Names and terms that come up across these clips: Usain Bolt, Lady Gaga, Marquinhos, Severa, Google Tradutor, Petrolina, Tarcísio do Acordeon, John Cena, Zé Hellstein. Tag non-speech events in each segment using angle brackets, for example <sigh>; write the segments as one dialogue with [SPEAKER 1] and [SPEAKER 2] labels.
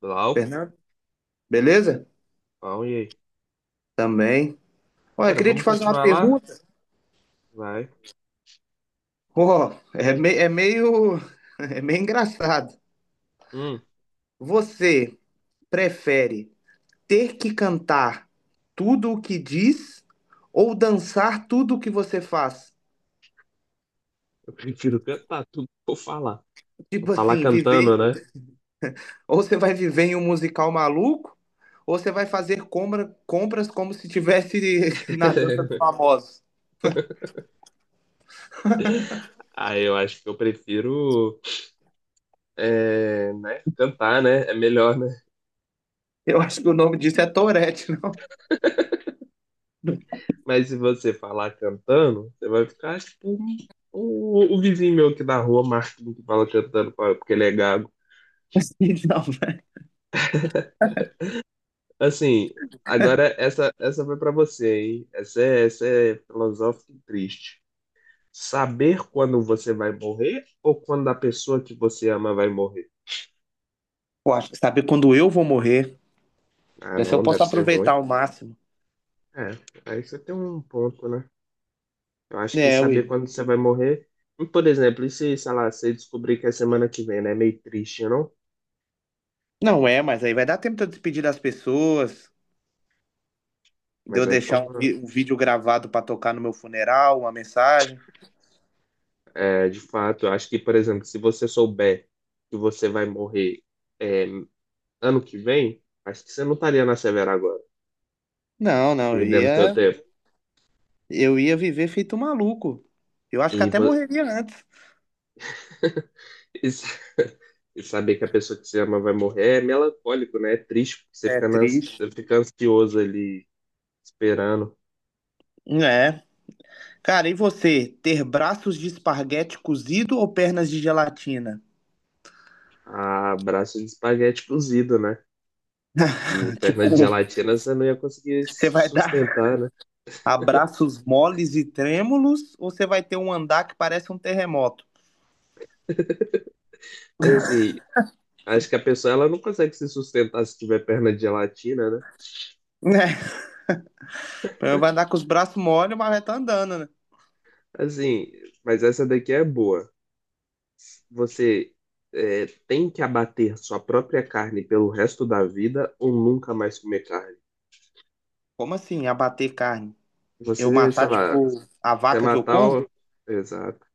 [SPEAKER 1] Glauco,
[SPEAKER 2] Fernando, beleza?
[SPEAKER 1] pau, e aí?
[SPEAKER 2] Também. Olha, eu
[SPEAKER 1] Cara,
[SPEAKER 2] queria te
[SPEAKER 1] vamos
[SPEAKER 2] fazer uma
[SPEAKER 1] continuar lá?
[SPEAKER 2] pergunta.
[SPEAKER 1] Vai.
[SPEAKER 2] Ó, é, <laughs> é meio engraçado.
[SPEAKER 1] Hum,
[SPEAKER 2] Você prefere ter que cantar tudo o que diz ou dançar tudo o que você faz?
[SPEAKER 1] eu prefiro cantar tudo que eu falar. Eu
[SPEAKER 2] Tipo
[SPEAKER 1] falar
[SPEAKER 2] assim,
[SPEAKER 1] cantando,
[SPEAKER 2] viver,
[SPEAKER 1] né?
[SPEAKER 2] ou você vai viver em um musical maluco, ou você vai fazer compras como se tivesse <laughs> na dança dos
[SPEAKER 1] <laughs>
[SPEAKER 2] famosos.
[SPEAKER 1] Ah, eu acho que eu prefiro, é, né, cantar, né? É melhor, né?
[SPEAKER 2] Eu acho que o nome disso é Tourette, não?
[SPEAKER 1] Mas se você falar cantando, você vai ficar tipo o vizinho meu aqui da rua, Marquinhos, que fala cantando pra- porque ele é gago.
[SPEAKER 2] <laughs> Não, velho.
[SPEAKER 1] <laughs> Assim, agora essa foi pra você, hein? Essa é filosófica e triste. Saber quando você vai morrer ou quando a pessoa que você ama vai morrer?
[SPEAKER 2] Sabe quando eu vou morrer?
[SPEAKER 1] Ah,
[SPEAKER 2] Pra ver se eu
[SPEAKER 1] não, deve
[SPEAKER 2] posso
[SPEAKER 1] ser
[SPEAKER 2] aproveitar
[SPEAKER 1] ruim.
[SPEAKER 2] ao máximo.
[SPEAKER 1] É, aí você tem um ponto, né? Eu acho que
[SPEAKER 2] É,
[SPEAKER 1] saber
[SPEAKER 2] Will.
[SPEAKER 1] quando você vai morrer. E, por exemplo, e se, sei lá, você descobrir que é semana que vem, né? É meio triste, não?
[SPEAKER 2] Não é, mas aí vai dar tempo de eu despedir das pessoas, de
[SPEAKER 1] Mas
[SPEAKER 2] eu
[SPEAKER 1] aí
[SPEAKER 2] deixar
[SPEAKER 1] torna.
[SPEAKER 2] um vídeo gravado pra tocar no meu funeral, uma mensagem.
[SPEAKER 1] É, de fato, eu acho que, por exemplo, se você souber que você vai morrer é, ano que vem, acho que você não estaria na Severa agora,
[SPEAKER 2] Não, não, eu
[SPEAKER 1] perdendo seu
[SPEAKER 2] ia,
[SPEAKER 1] tempo.
[SPEAKER 2] eu ia viver feito um maluco. Eu acho
[SPEAKER 1] E,
[SPEAKER 2] que até
[SPEAKER 1] vo-
[SPEAKER 2] morreria antes.
[SPEAKER 1] <laughs> E, sa- e saber que a pessoa que você ama vai morrer é melancólico, né? É triste, porque você
[SPEAKER 2] É
[SPEAKER 1] fica,
[SPEAKER 2] triste.
[SPEAKER 1] você fica ansioso ali, esperando.
[SPEAKER 2] É. Cara, e você, ter braços de esparguete cozido ou pernas de gelatina?
[SPEAKER 1] A braço de espaguete cozido, né? E
[SPEAKER 2] <laughs>
[SPEAKER 1] perna de
[SPEAKER 2] Tipo,
[SPEAKER 1] gelatina você não ia conseguir
[SPEAKER 2] você
[SPEAKER 1] se
[SPEAKER 2] vai dar
[SPEAKER 1] sustentar, né?
[SPEAKER 2] abraços moles e trêmulos ou você vai ter um andar que parece um terremoto?
[SPEAKER 1] Mas assim, acho que a pessoa ela não consegue se sustentar se tiver perna de gelatina, né?
[SPEAKER 2] <laughs> Eu vai andar com os braços mole, mas vai tá andando, né?
[SPEAKER 1] Assim, mas essa daqui é boa. Você é, tem que abater sua própria carne pelo resto da vida ou nunca mais comer carne?
[SPEAKER 2] Como assim, abater carne? Eu
[SPEAKER 1] Você, sei
[SPEAKER 2] matar,
[SPEAKER 1] lá,
[SPEAKER 2] tipo, a
[SPEAKER 1] você
[SPEAKER 2] vaca que eu
[SPEAKER 1] matar
[SPEAKER 2] como?
[SPEAKER 1] o. Exato.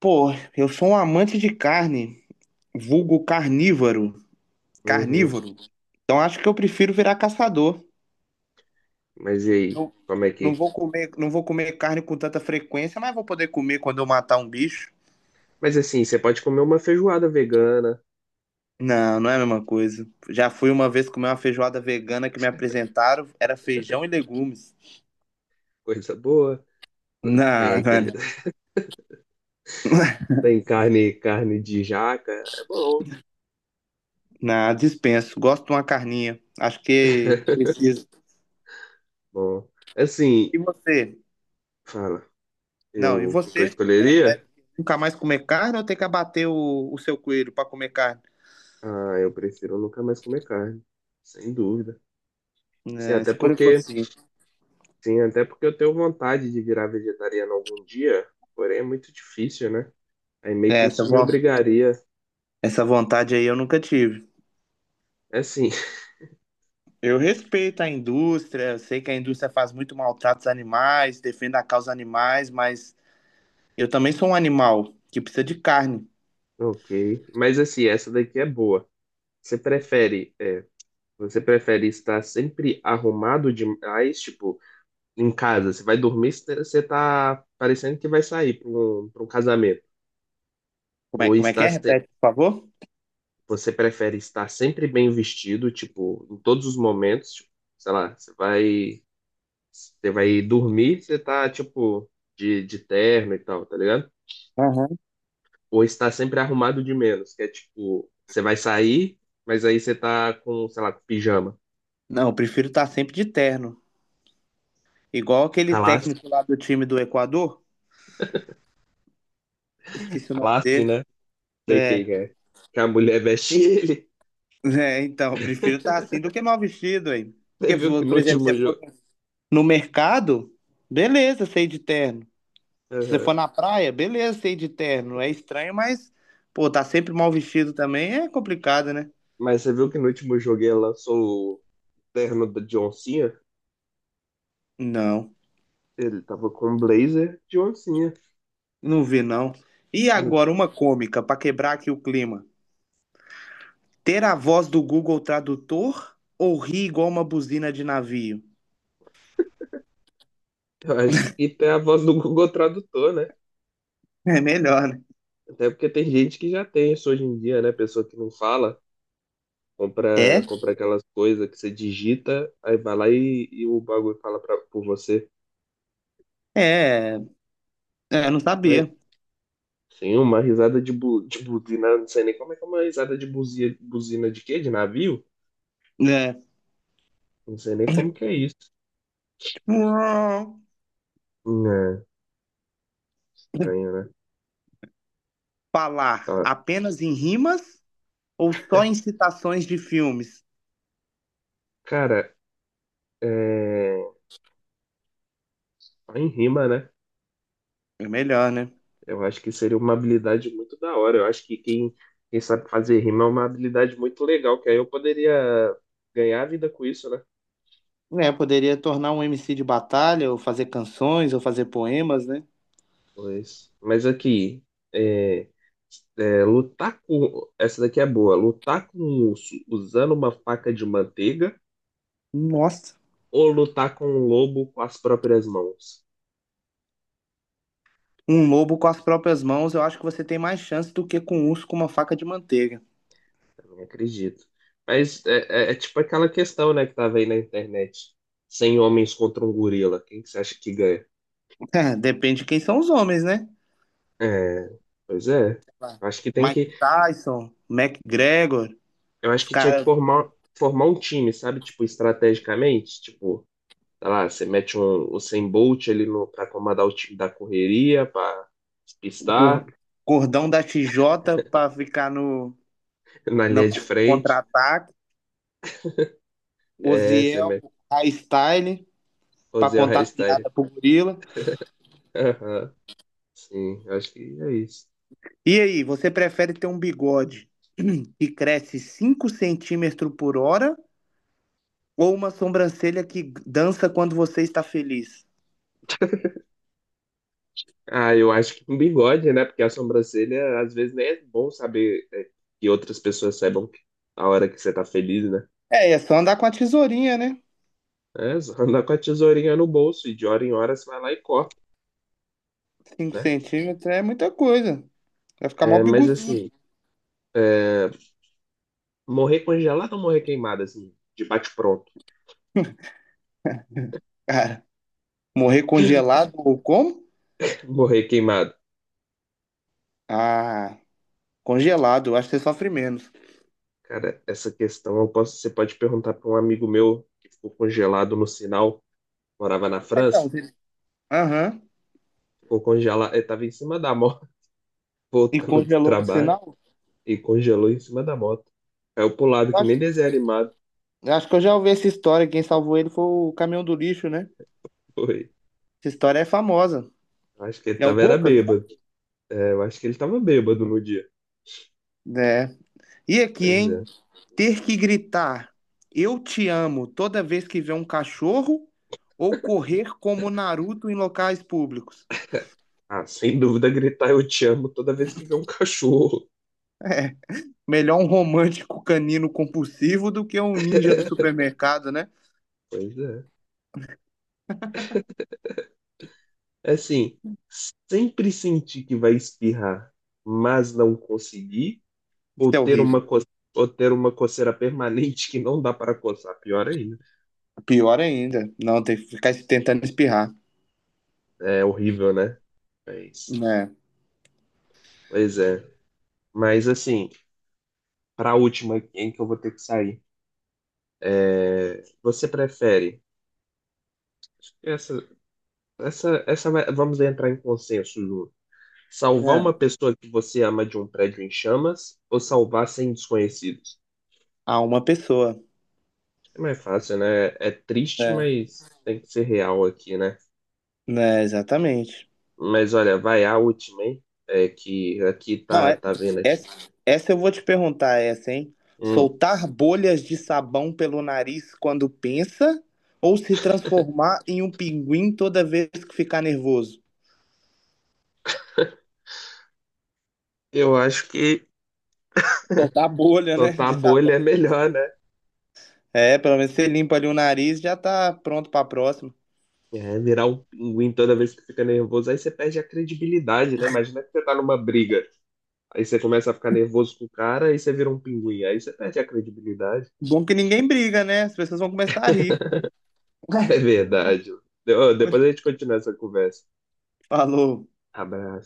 [SPEAKER 2] Pô, eu sou um amante de carne, vulgo carnívoro,
[SPEAKER 1] Uhum.
[SPEAKER 2] carnívoro. Então acho que eu prefiro virar caçador.
[SPEAKER 1] Mas e aí?
[SPEAKER 2] Não,
[SPEAKER 1] Como é
[SPEAKER 2] não
[SPEAKER 1] que.
[SPEAKER 2] vou comer, não vou comer carne com tanta frequência, mas vou poder comer quando eu matar um bicho.
[SPEAKER 1] Mas assim, você pode comer uma feijoada vegana,
[SPEAKER 2] Não, não é a mesma coisa. Já fui uma vez comer uma feijoada vegana que me apresentaram, era feijão e legumes.
[SPEAKER 1] coisa boa. Tem
[SPEAKER 2] Não,
[SPEAKER 1] aquele.
[SPEAKER 2] velho.
[SPEAKER 1] <laughs> Tem carne, carne de jaca. É bom.
[SPEAKER 2] Na dispenso. Gosto de uma carninha. Acho que
[SPEAKER 1] <laughs>
[SPEAKER 2] precisa.
[SPEAKER 1] Bom. Assim,
[SPEAKER 2] E você?
[SPEAKER 1] fala.
[SPEAKER 2] Não, e
[SPEAKER 1] Eu, o que eu
[SPEAKER 2] você?
[SPEAKER 1] escolheria?
[SPEAKER 2] Nunca mais comer carne ou tem que abater o seu coelho para comer carne?
[SPEAKER 1] Ah, eu prefiro nunca mais comer carne. Sem dúvida. Sim,
[SPEAKER 2] É,
[SPEAKER 1] até
[SPEAKER 2] escolha
[SPEAKER 1] porque.
[SPEAKER 2] consciente.
[SPEAKER 1] Sim, até porque eu tenho vontade de virar vegetariano algum dia. Porém, é muito difícil, né? Aí meio
[SPEAKER 2] É,
[SPEAKER 1] que isso me obrigaria.
[SPEAKER 2] essa vontade aí eu nunca tive.
[SPEAKER 1] É assim.
[SPEAKER 2] Eu respeito a indústria, eu sei que a indústria faz muito maltrato aos animais, defende a causa animais, mas eu também sou um animal que precisa de carne.
[SPEAKER 1] Ok, mas assim, essa daqui é boa. Você prefere, é, você prefere estar sempre arrumado demais, tipo, em casa? Você vai dormir, você tá parecendo que vai sair para um, pra um casamento.
[SPEAKER 2] Como é,
[SPEAKER 1] Ou
[SPEAKER 2] como é que
[SPEAKER 1] está
[SPEAKER 2] é?
[SPEAKER 1] se-
[SPEAKER 2] Repete, por favor.
[SPEAKER 1] Você prefere estar sempre bem vestido, tipo, em todos os momentos, tipo, sei lá, você vai dormir, você tá, tipo, de terno e tal, tá ligado?
[SPEAKER 2] Aham.
[SPEAKER 1] Ou estar sempre arrumado de menos, que é tipo, você vai sair, mas aí você tá com, sei lá, com pijama.
[SPEAKER 2] Não, eu prefiro estar sempre de terno. Igual aquele
[SPEAKER 1] Classe,
[SPEAKER 2] técnico lá do time do Equador. Esqueci o nome
[SPEAKER 1] classe,
[SPEAKER 2] dele.
[SPEAKER 1] né? Sei quem
[SPEAKER 2] É,
[SPEAKER 1] que é. Que a mulher veste <laughs> ele.
[SPEAKER 2] é, então, eu prefiro estar assim do que mal vestido, hein?
[SPEAKER 1] Você
[SPEAKER 2] Porque, se
[SPEAKER 1] viu que
[SPEAKER 2] você-
[SPEAKER 1] no
[SPEAKER 2] por exemplo, se
[SPEAKER 1] último
[SPEAKER 2] você for
[SPEAKER 1] jogo.
[SPEAKER 2] no mercado, beleza, sei de terno. Se você for
[SPEAKER 1] Aham.
[SPEAKER 2] na praia, beleza, sei de terno. É estranho, mas, pô, tá sempre mal vestido também é complicado, né?
[SPEAKER 1] Mas você viu que no último jogo ela lançou o terno da John Cena?
[SPEAKER 2] Não,
[SPEAKER 1] Ele tava com um blazer de oncinha.
[SPEAKER 2] não vi, não. E
[SPEAKER 1] No
[SPEAKER 2] agora,
[SPEAKER 1] último.
[SPEAKER 2] uma cômica, pra quebrar aqui o clima. Ter a voz do Google Tradutor ou rir igual uma buzina de navio?
[SPEAKER 1] Eu acho que tem a voz do Google Tradutor, né?
[SPEAKER 2] É melhor, né?
[SPEAKER 1] Até porque tem gente que já tem isso hoje em dia, né? Pessoa que não fala, compra,
[SPEAKER 2] É?
[SPEAKER 1] compra aquelas coisas que você digita, aí vai lá e o bagulho fala pra, por você.
[SPEAKER 2] É, é, eu não
[SPEAKER 1] Mas
[SPEAKER 2] sabia.
[SPEAKER 1] sim, uma risada de, bu de buzina, não sei nem como é que é uma risada de buzia buzina de quê? De navio?
[SPEAKER 2] Né?
[SPEAKER 1] Não sei nem como que é isso.
[SPEAKER 2] <coughs> Hum,
[SPEAKER 1] É, estranho, né?
[SPEAKER 2] Falar
[SPEAKER 1] Ó,
[SPEAKER 2] apenas em rimas ou só em citações de filmes?
[SPEAKER 1] cara, é... só em rima, né?
[SPEAKER 2] É melhor, né?
[SPEAKER 1] Eu acho que seria uma habilidade muito da hora. Eu acho que quem sabe fazer rima é uma habilidade muito legal, que aí eu poderia ganhar a vida com isso, né?
[SPEAKER 2] Né, poderia tornar um MC de batalha, ou fazer canções, ou fazer poemas, né?
[SPEAKER 1] Pois. Mas aqui, é... É, lutar com. Essa daqui é boa. Lutar com um urso usando uma faca de manteiga
[SPEAKER 2] Nossa.
[SPEAKER 1] ou lutar com um lobo com as próprias mãos.
[SPEAKER 2] Um lobo com as próprias mãos, eu acho que você tem mais chance do que com um urso com uma faca de manteiga.
[SPEAKER 1] Eu não acredito. Mas é, é tipo aquela questão, né, que tava aí na internet. 100 homens contra um gorila. Quem que você acha que ganha?
[SPEAKER 2] <laughs> É, depende de quem são os homens, né?
[SPEAKER 1] É, pois é.
[SPEAKER 2] Claro.
[SPEAKER 1] Eu acho que tem
[SPEAKER 2] Mike
[SPEAKER 1] que.
[SPEAKER 2] Tyson, McGregor,
[SPEAKER 1] Eu acho
[SPEAKER 2] os
[SPEAKER 1] que
[SPEAKER 2] caras
[SPEAKER 1] formar um time, sabe? Tipo, estrategicamente. Tipo, sei lá, você mete um, o 100 Bolt ali no, pra comandar o time da correria, pra despistar
[SPEAKER 2] gor- gordão da TJ pra ficar no,
[SPEAKER 1] <laughs> na
[SPEAKER 2] no
[SPEAKER 1] linha de
[SPEAKER 2] contra
[SPEAKER 1] frente.
[SPEAKER 2] ataque
[SPEAKER 1] É, você
[SPEAKER 2] Oziel
[SPEAKER 1] mete
[SPEAKER 2] Style
[SPEAKER 1] o
[SPEAKER 2] pra
[SPEAKER 1] Zé
[SPEAKER 2] contar
[SPEAKER 1] Hellstein.
[SPEAKER 2] piada pro gorila.
[SPEAKER 1] Aham, sim, eu acho que é isso.
[SPEAKER 2] E aí, você prefere ter um bigode <clears throat> que cresce 5 cm por hora ou uma sobrancelha que dança quando você está feliz?
[SPEAKER 1] Ah, eu acho que com bigode, né? Porque a sobrancelha, às vezes, nem é bom saber é, que outras pessoas saibam que- a hora que você tá feliz, né?
[SPEAKER 2] É, é só andar com a tesourinha, né?
[SPEAKER 1] É, só andar com a tesourinha no bolso e de hora em hora você vai lá e corta,
[SPEAKER 2] Cinco
[SPEAKER 1] né?
[SPEAKER 2] centímetros é muita coisa. Vai ficar mal
[SPEAKER 1] É, mas
[SPEAKER 2] bigodudo,
[SPEAKER 1] assim, é, morrer congelado ou morrer queimado, assim, de bate-pronto?
[SPEAKER 2] cara. Morrer congelado ou como?
[SPEAKER 1] <laughs> Morrer queimado.
[SPEAKER 2] Ah, congelado. Eu acho que você sofre menos.
[SPEAKER 1] Cara, essa questão eu posso, você pode perguntar para um amigo meu que ficou congelado no sinal, morava na
[SPEAKER 2] Ah,
[SPEAKER 1] França,
[SPEAKER 2] então, aham.
[SPEAKER 1] ficou congelado, ele tava em cima da moto, <laughs>
[SPEAKER 2] E
[SPEAKER 1] voltando do
[SPEAKER 2] congelou no
[SPEAKER 1] trabalho.
[SPEAKER 2] sinal?
[SPEAKER 1] E congelou em cima da moto. Caiu pro lado
[SPEAKER 2] Eu
[SPEAKER 1] que nem
[SPEAKER 2] acho
[SPEAKER 1] desenho animado.
[SPEAKER 2] Eu acho que eu já ouvi essa história. Quem salvou ele foi o caminhão do lixo, né?
[SPEAKER 1] Foi.
[SPEAKER 2] Essa história é famosa.
[SPEAKER 1] Acho que ele
[SPEAKER 2] É o
[SPEAKER 1] tava era
[SPEAKER 2] Bocas, né?
[SPEAKER 1] bêbado. É, eu acho que ele tava bêbado no dia.
[SPEAKER 2] É. E aqui,
[SPEAKER 1] Pois
[SPEAKER 2] hein?
[SPEAKER 1] é.
[SPEAKER 2] Ter que gritar "Eu te amo" toda vez que vê um cachorro ou correr como Naruto em locais públicos?
[SPEAKER 1] Ah, sem dúvida gritar eu te amo toda vez que vê um cachorro.
[SPEAKER 2] Melhor um romântico canino compulsivo do que um ninja do supermercado, né?
[SPEAKER 1] Pois é. É assim, sempre sentir que vai espirrar, mas não conseguir,
[SPEAKER 2] Isso
[SPEAKER 1] ou
[SPEAKER 2] é
[SPEAKER 1] ter uma
[SPEAKER 2] horrível.
[SPEAKER 1] coceira, ou ter uma coceira permanente que não dá para coçar. Pior ainda.
[SPEAKER 2] Pior ainda. Não, tem que ficar tentando espirrar.
[SPEAKER 1] É horrível, né? Mas,
[SPEAKER 2] Né?
[SPEAKER 1] pois é. Mas assim, para a última aqui, hein, que eu vou ter que sair. É, você prefere essa, vamos entrar em consenso, Ju. Salvar
[SPEAKER 2] É.
[SPEAKER 1] uma pessoa que você ama de um prédio em chamas ou salvar 100 desconhecidos?
[SPEAKER 2] A uma pessoa.
[SPEAKER 1] É mais fácil, né? É triste,
[SPEAKER 2] É.
[SPEAKER 1] mas tem que ser real aqui, né?
[SPEAKER 2] Né, exatamente.
[SPEAKER 1] Mas olha, vai a última, hein? É que aqui
[SPEAKER 2] Não,
[SPEAKER 1] tá,
[SPEAKER 2] é,
[SPEAKER 1] tá vendo aqui.
[SPEAKER 2] essa, essa eu vou te perguntar, essa, hein?
[SPEAKER 1] Hum,
[SPEAKER 2] Soltar bolhas de sabão pelo nariz quando pensa ou se transformar em um pinguim toda vez que ficar nervoso?
[SPEAKER 1] eu acho que <laughs>
[SPEAKER 2] Soltar bolha, né,
[SPEAKER 1] soltar a
[SPEAKER 2] de
[SPEAKER 1] bolha é
[SPEAKER 2] sabão.
[SPEAKER 1] melhor, né?
[SPEAKER 2] É, pelo menos você limpa ali o nariz, e já tá pronto pra próxima.
[SPEAKER 1] É, virar um pinguim toda vez que fica nervoso, aí você perde a credibilidade, né? Imagina que você tá numa briga. Aí você começa a ficar nervoso com o cara, aí você vira um pinguim, aí você perde a credibilidade. <laughs>
[SPEAKER 2] Bom que ninguém briga, né? As pessoas vão começar a rir.
[SPEAKER 1] É
[SPEAKER 2] <laughs>
[SPEAKER 1] verdade. Ó, depois a gente continua essa conversa.
[SPEAKER 2] Falou.
[SPEAKER 1] Abraço.